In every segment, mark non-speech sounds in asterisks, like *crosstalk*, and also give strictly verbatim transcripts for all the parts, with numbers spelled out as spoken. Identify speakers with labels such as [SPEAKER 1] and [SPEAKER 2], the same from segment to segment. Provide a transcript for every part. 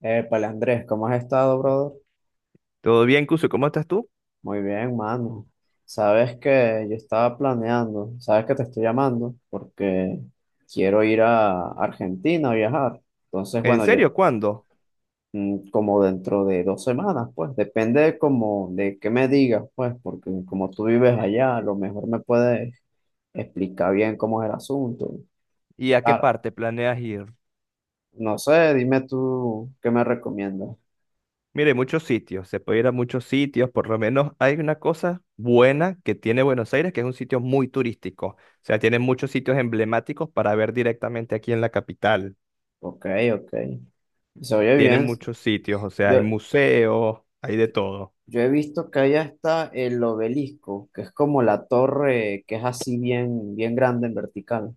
[SPEAKER 1] Épale, Andrés, ¿cómo has estado, brother?
[SPEAKER 2] Todo bien, Cuso, ¿cómo estás tú?
[SPEAKER 1] Muy bien, mano. Sabes que yo estaba planeando, sabes que te estoy llamando porque quiero ir a Argentina a viajar. Entonces,
[SPEAKER 2] ¿En
[SPEAKER 1] bueno, yo
[SPEAKER 2] serio? ¿Cuándo?
[SPEAKER 1] mm, como dentro de dos semanas, pues, depende como de qué me digas, pues, porque como tú vives allá, a lo mejor me puedes explicar bien cómo es el asunto.
[SPEAKER 2] ¿Y a qué
[SPEAKER 1] ah
[SPEAKER 2] parte planeas ir?
[SPEAKER 1] no sé, dime tú qué me recomiendas.
[SPEAKER 2] Mire, muchos sitios, se puede ir a muchos sitios, por lo menos hay una cosa buena que tiene Buenos Aires, que es un sitio muy turístico, o sea, tiene muchos sitios emblemáticos para ver directamente aquí en la capital,
[SPEAKER 1] Ok, ok. Se oye
[SPEAKER 2] tiene
[SPEAKER 1] bien.
[SPEAKER 2] muchos sitios, o sea, hay
[SPEAKER 1] Yo,
[SPEAKER 2] museos, hay de todo.
[SPEAKER 1] Yo he visto que allá está el obelisco, que es como la torre que es así bien, bien grande en vertical.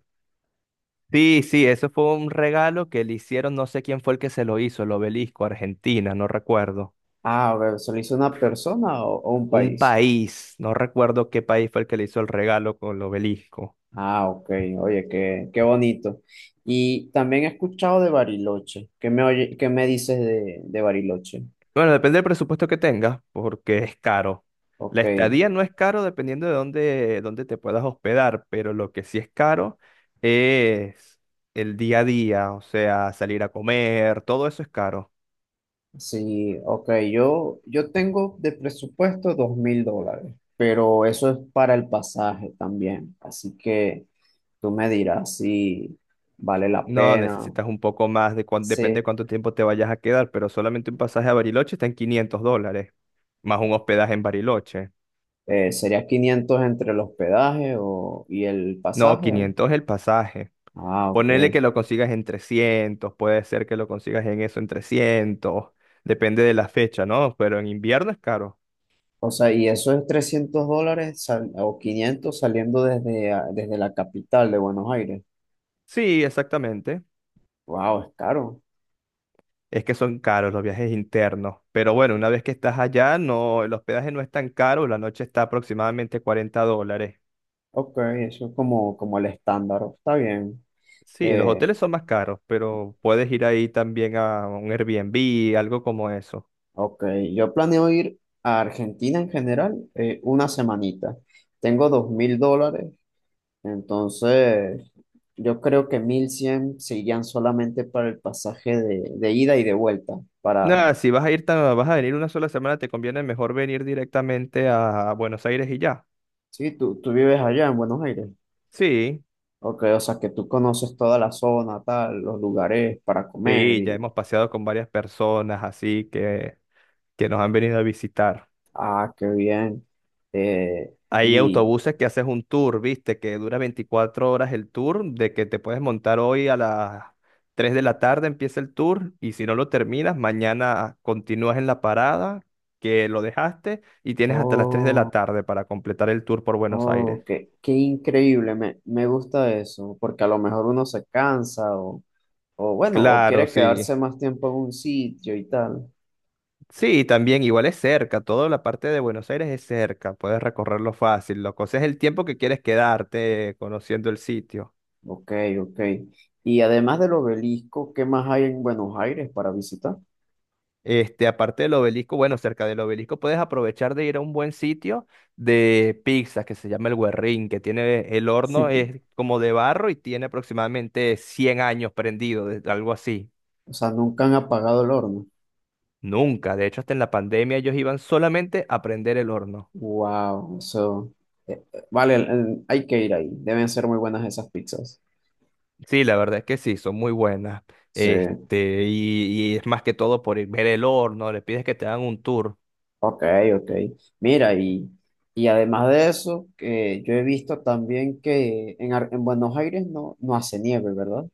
[SPEAKER 2] Sí, sí, eso fue un regalo que le hicieron, no sé quién fue el que se lo hizo, el obelisco, Argentina, no recuerdo.
[SPEAKER 1] Ah, a ver, ¿se lo hizo una persona o, o un
[SPEAKER 2] Un
[SPEAKER 1] país?
[SPEAKER 2] país, no recuerdo qué país fue el que le hizo el regalo con el obelisco.
[SPEAKER 1] Ah, ok, oye, qué, qué bonito. Y también he escuchado de Bariloche. ¿Qué me oye- qué me dices de, de Bariloche?
[SPEAKER 2] Bueno, depende del presupuesto que tengas, porque es caro. La
[SPEAKER 1] Ok,
[SPEAKER 2] estadía no es caro dependiendo de dónde, dónde te puedas hospedar, pero lo que sí es caro es el día a día, o sea, salir a comer, todo eso es caro.
[SPEAKER 1] sí, ok, yo, yo tengo de presupuesto dos mil dólares, pero eso es para el pasaje también. Así que tú me dirás si vale la
[SPEAKER 2] No,
[SPEAKER 1] pena.
[SPEAKER 2] necesitas un poco más, de cuán- depende de
[SPEAKER 1] Sí,
[SPEAKER 2] cuánto tiempo te vayas a quedar, pero solamente un pasaje a Bariloche está en quinientos dólares, más un hospedaje en Bariloche.
[SPEAKER 1] eh, sería quinientos entre el hospedaje o, y el
[SPEAKER 2] No,
[SPEAKER 1] pasaje. o-
[SPEAKER 2] quinientos el pasaje.
[SPEAKER 1] Ah, ok.
[SPEAKER 2] Ponele que lo consigas en trescientos, puede ser que lo consigas en eso, en trescientos, depende de la fecha, ¿no? Pero en invierno es caro.
[SPEAKER 1] O sea, y eso es trescientos dólares sal- o quinientos saliendo desde, a- desde la capital de Buenos Aires.
[SPEAKER 2] Sí, exactamente.
[SPEAKER 1] Wow, es caro.
[SPEAKER 2] Es que son caros los viajes internos. Pero bueno, una vez que estás allá, no, el hospedaje no es tan caro, la noche está aproximadamente cuarenta dólares.
[SPEAKER 1] Ok, eso es como, como el estándar. Está bien.
[SPEAKER 2] Sí, los
[SPEAKER 1] Eh,
[SPEAKER 2] hoteles son más caros, pero puedes ir ahí también a un Airbnb, algo como eso.
[SPEAKER 1] ok, yo planeo ir a Argentina en general eh, una semanita. Tengo dos mil dólares. Entonces, yo creo que mil cien serían solamente para el pasaje de, de ida y de vuelta. Para,
[SPEAKER 2] Nada, si vas a ir tan, vas a venir una sola semana, te conviene mejor venir directamente a Buenos Aires y ya.
[SPEAKER 1] sí, tú, tú vives allá en Buenos Aires.
[SPEAKER 2] Sí,
[SPEAKER 1] Ok, o sea que tú conoces toda la zona, tal, los lugares para comer
[SPEAKER 2] sí, ya
[SPEAKER 1] y,
[SPEAKER 2] hemos paseado con varias personas así que, que nos han venido a visitar.
[SPEAKER 1] ah, qué bien. Eh,
[SPEAKER 2] Hay
[SPEAKER 1] y,
[SPEAKER 2] autobuses que haces un tour, viste, que dura veinticuatro horas el tour, de que te puedes montar hoy a las tres de la tarde, empieza el tour, y si no lo terminas, mañana continúas en la parada que lo dejaste y tienes hasta las tres de la
[SPEAKER 1] oh,
[SPEAKER 2] tarde para completar el tour por Buenos Aires.
[SPEAKER 1] oh, qué, qué increíble, me, me gusta eso, porque a lo mejor uno se cansa o, o bueno, o
[SPEAKER 2] Claro,
[SPEAKER 1] quiere
[SPEAKER 2] sí.
[SPEAKER 1] quedarse más tiempo en un sitio y tal.
[SPEAKER 2] Sí, también igual es cerca, toda la parte de Buenos Aires es cerca, puedes recorrerlo fácil, Lo Ese es el tiempo que quieres quedarte eh, conociendo el sitio.
[SPEAKER 1] Ok, ok. Y además del obelisco, ¿qué más hay en Buenos Aires para visitar?
[SPEAKER 2] Este, aparte del obelisco, bueno, cerca del obelisco puedes aprovechar de ir a un buen sitio de pizzas que se llama el Guerrín, que tiene el horno, es
[SPEAKER 1] *laughs*
[SPEAKER 2] como de barro y tiene aproximadamente cien años prendido, de- algo así.
[SPEAKER 1] O sea, nunca han apagado el horno.
[SPEAKER 2] Nunca, de hecho, hasta en la pandemia ellos iban solamente a prender el horno.
[SPEAKER 1] Wow, eso. Eh, eh, vale, eh, hay que ir ahí. Deben ser muy buenas esas pizzas.
[SPEAKER 2] Sí, la verdad es que sí, son muy buenas.
[SPEAKER 1] Sí,
[SPEAKER 2] Este, y, y es más que todo por ir- ver el horno, le pides que te hagan un tour.
[SPEAKER 1] ok, ok. Mira, y, y además de eso, que yo he visto también que en, Ar- en Buenos Aires no, no hace nieve, ¿verdad?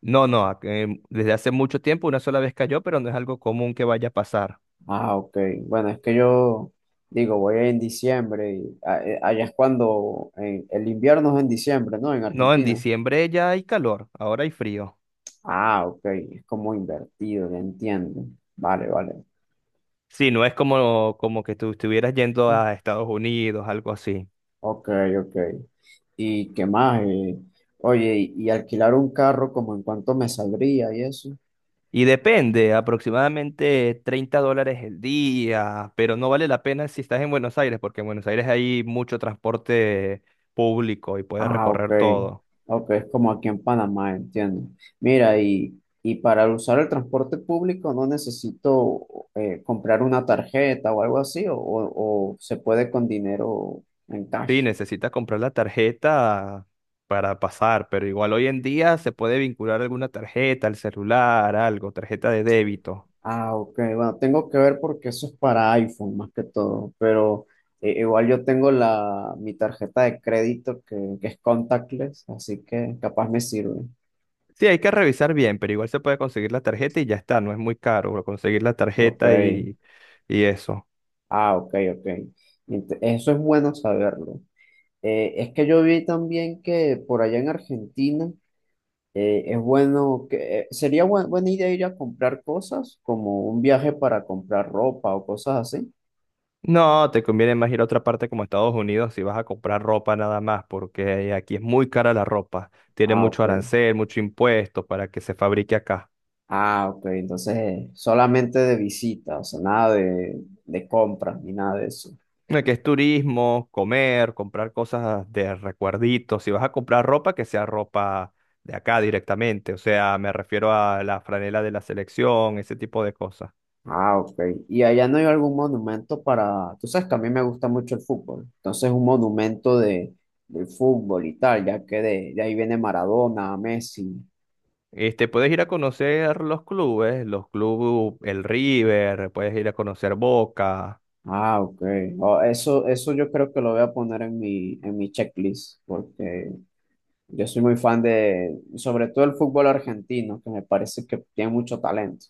[SPEAKER 2] No, no, a- em, desde hace mucho tiempo una sola vez cayó, pero no es algo común que vaya a pasar.
[SPEAKER 1] Ah, ok. Bueno, es que yo digo, voy en diciembre y a- eh, allá es cuando en- el invierno es en diciembre, ¿no? En
[SPEAKER 2] No, en
[SPEAKER 1] Argentina.
[SPEAKER 2] diciembre ya hay calor, ahora hay frío.
[SPEAKER 1] Ah, ok. Es como invertido, ya entiendo. Vale, vale.
[SPEAKER 2] Sí, no es como, como que tú estuvieras yendo a Estados Unidos, algo así.
[SPEAKER 1] Ok, ok. ¿Y qué más? Eh, oye, y, y alquilar un carro, ¿como en cuánto me saldría y eso?
[SPEAKER 2] Y depende, aproximadamente treinta dólares el día, pero no vale la pena si estás en Buenos Aires, porque en Buenos Aires hay mucho transporte público y puedes
[SPEAKER 1] Ah, ok.
[SPEAKER 2] recorrer todo.
[SPEAKER 1] Ok, es como aquí en Panamá, entiendo. Mira, y, y para usar el transporte público no necesito eh, comprar una tarjeta o algo así, o, o- o se puede con dinero en
[SPEAKER 2] Sí,
[SPEAKER 1] cash.
[SPEAKER 2] necesitas comprar la tarjeta para pasar, pero igual hoy en día se puede vincular alguna tarjeta, al celular, algo, tarjeta de débito.
[SPEAKER 1] Ah, ok. Bueno, tengo que ver porque eso es para iPhone más que todo, pero eh, igual yo tengo la, mi tarjeta de crédito que, que es contactless, así que capaz me sirve.
[SPEAKER 2] Sí, hay que revisar bien, pero igual se puede conseguir la tarjeta y ya está, no es muy caro conseguir la
[SPEAKER 1] Ok.
[SPEAKER 2] tarjeta y, y eso.
[SPEAKER 1] Ah, ok, ok. Ent- Eso es bueno saberlo. Eh, es que yo vi también que por allá en Argentina eh, es bueno que eh, sería buen- buena idea ir a comprar cosas, como un viaje para comprar ropa o cosas así.
[SPEAKER 2] No, te conviene más ir a otra parte como Estados Unidos si vas a comprar ropa nada más, porque aquí es muy cara la ropa, tiene
[SPEAKER 1] Ah,
[SPEAKER 2] mucho
[SPEAKER 1] ok.
[SPEAKER 2] arancel, mucho impuesto para que se fabrique acá.
[SPEAKER 1] Ah, ok. Entonces, eh, solamente de visita, o sea, nada de, de compras ni nada de eso.
[SPEAKER 2] Eh, que es turismo, comer, comprar cosas de recuerditos. Si vas a comprar ropa, que sea ropa de acá directamente. O sea, me refiero a la franela de la selección, ese tipo de cosas.
[SPEAKER 1] Ah, ok. Y allá no hay algún monumento para. Tú sabes que a mí me gusta mucho el fútbol. Entonces, un monumento de, del fútbol y tal, ya que de, de ahí viene Maradona, Messi.
[SPEAKER 2] Este, puedes ir a conocer los clubes, los clubes, el River, puedes ir a conocer Boca.
[SPEAKER 1] Ah, ok. Oh, eso, eso yo creo que lo voy a poner en mi, en mi checklist, porque yo soy muy fan de, sobre todo el fútbol argentino, que me parece que tiene mucho talento.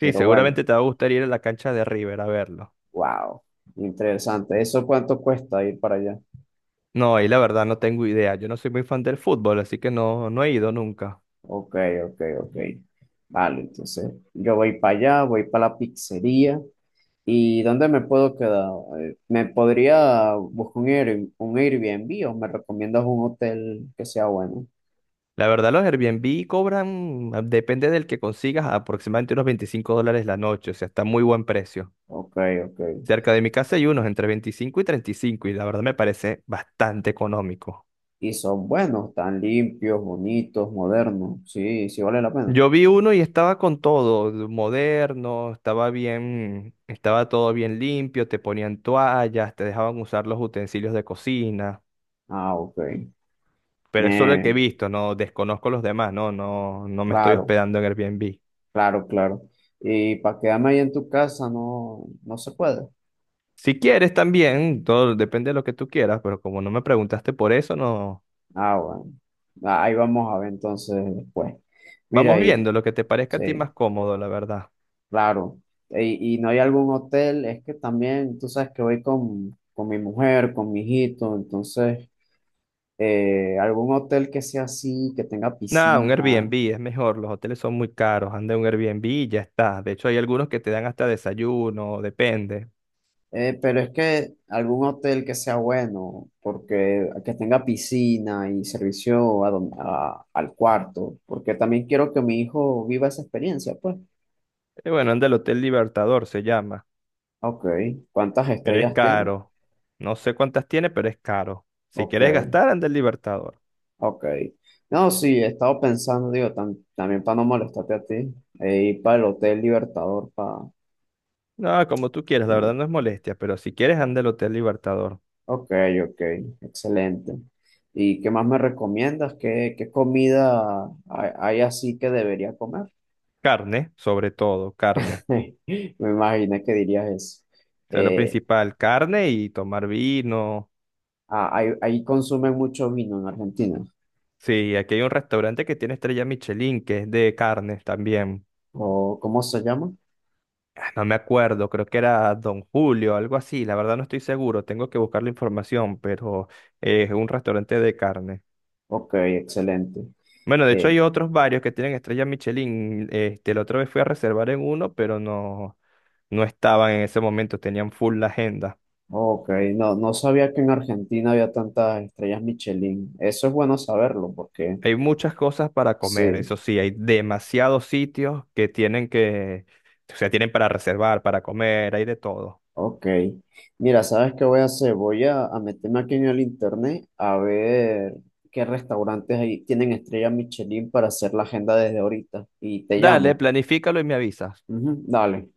[SPEAKER 2] Sí,
[SPEAKER 1] Pero bueno,
[SPEAKER 2] seguramente te va a gustar ir a la cancha de River a verlo.
[SPEAKER 1] wow, interesante. ¿Eso cuánto cuesta ir para allá?
[SPEAKER 2] No, ahí la verdad no tengo idea. Yo no soy muy fan del fútbol, así que no, no he ido nunca.
[SPEAKER 1] Ok, ok, ok. Vale, entonces yo voy para allá, voy para la pizzería. ¿Y dónde me puedo quedar? Eh, ¿Me podría buscar un Air- un Airbnb o me recomiendas un hotel que sea bueno?
[SPEAKER 2] La verdad, los Airbnb cobran, depende del que consigas, aproximadamente unos veinticinco dólares la noche, o sea, está muy buen precio.
[SPEAKER 1] Ok, ok.
[SPEAKER 2] Cerca de mi casa hay unos entre veinticinco y treinta y cinco y cinco y la verdad me parece bastante económico.
[SPEAKER 1] Y son buenos, tan limpios, bonitos, modernos. Sí, sí vale la pena.
[SPEAKER 2] Yo vi uno y estaba con todo, moderno, estaba bien, estaba todo bien limpio, te ponían toallas, te dejaban usar los utensilios de cocina,
[SPEAKER 1] Ah, ok.
[SPEAKER 2] pero es solo el que he
[SPEAKER 1] Me,
[SPEAKER 2] visto, no desconozco los demás, no, no, no me estoy
[SPEAKER 1] claro,
[SPEAKER 2] hospedando en Airbnb.
[SPEAKER 1] claro, claro. Y para quedarme ahí en tu casa no, no se puede.
[SPEAKER 2] Si quieres también, todo depende de lo que tú quieras, pero como no me preguntaste por eso, no.
[SPEAKER 1] Ah, bueno. Ah, ahí vamos a ver entonces después. Mira
[SPEAKER 2] Vamos
[SPEAKER 1] ahí,
[SPEAKER 2] viendo lo que te parezca a ti
[SPEAKER 1] sí,
[SPEAKER 2] más cómodo, la verdad.
[SPEAKER 1] claro. Y, y no hay algún hotel, es que también, tú sabes que voy con, con mi mujer, con mi hijito, entonces, eh, algún hotel que sea así, que tenga
[SPEAKER 2] Nada, un
[SPEAKER 1] piscina.
[SPEAKER 2] Airbnb es mejor, los hoteles son muy caros, anda en un Airbnb y ya está. De hecho, hay algunos que te dan hasta desayuno, depende.
[SPEAKER 1] Eh, pero es que algún hotel que sea bueno, porque que tenga piscina y servicio a don- a- al cuarto, porque también quiero que mi hijo viva esa experiencia, pues.
[SPEAKER 2] Y bueno, anda el Hotel Libertador, se llama,
[SPEAKER 1] Ok, ¿cuántas
[SPEAKER 2] pero es
[SPEAKER 1] estrellas tiene?
[SPEAKER 2] caro. No sé cuántas tiene, pero es caro. Si
[SPEAKER 1] Ok,
[SPEAKER 2] quieres gastar, anda el Libertador.
[SPEAKER 1] ok. No, sí, he estado pensando, digo, tam- también para no molestarte a ti, eh, ir para el Hotel Libertador, para...
[SPEAKER 2] No, como tú quieras, la verdad no es molestia, pero si quieres, anda el Hotel Libertador.
[SPEAKER 1] Ok, ok, excelente. ¿Y qué más me recomiendas? ¿Qué, qué comida hay hay así que debería comer?
[SPEAKER 2] Carne, sobre todo, carne.
[SPEAKER 1] *laughs* Me imaginé que dirías eso.
[SPEAKER 2] O sea, lo
[SPEAKER 1] Eh,
[SPEAKER 2] principal, carne y tomar vino.
[SPEAKER 1] ah, ahí, ahí consumen mucho vino en Argentina.
[SPEAKER 2] Sí, aquí hay un restaurante que tiene estrella Michelin, que es de carnes también.
[SPEAKER 1] ¿O cómo se llama?
[SPEAKER 2] Ah, no me acuerdo, creo que era Don Julio, algo así. La verdad no estoy seguro, tengo que buscar la información, pero eh, es un restaurante de carne.
[SPEAKER 1] Ok, excelente.
[SPEAKER 2] Bueno, de hecho
[SPEAKER 1] Eh,
[SPEAKER 2] hay otros varios que tienen estrella Michelin. Este, la otra vez fui a reservar en uno, pero no, no estaban en ese momento, tenían full la agenda.
[SPEAKER 1] ok, no, no sabía que en Argentina había tantas estrellas Michelin. Eso es bueno saberlo porque
[SPEAKER 2] Hay muchas cosas para comer,
[SPEAKER 1] sí,
[SPEAKER 2] eso sí, hay demasiados sitios que tienen que, o sea, tienen para reservar, para comer, hay de todo.
[SPEAKER 1] ok. Mira, ¿sabes qué voy a hacer? Voy a, a meterme aquí en el internet a ver qué restaurantes ahí tienen estrellas Michelin para hacer la agenda desde ahorita. Y te
[SPEAKER 2] Dale,
[SPEAKER 1] llamo.
[SPEAKER 2] planifícalo y me avisas.
[SPEAKER 1] Ujú, dale.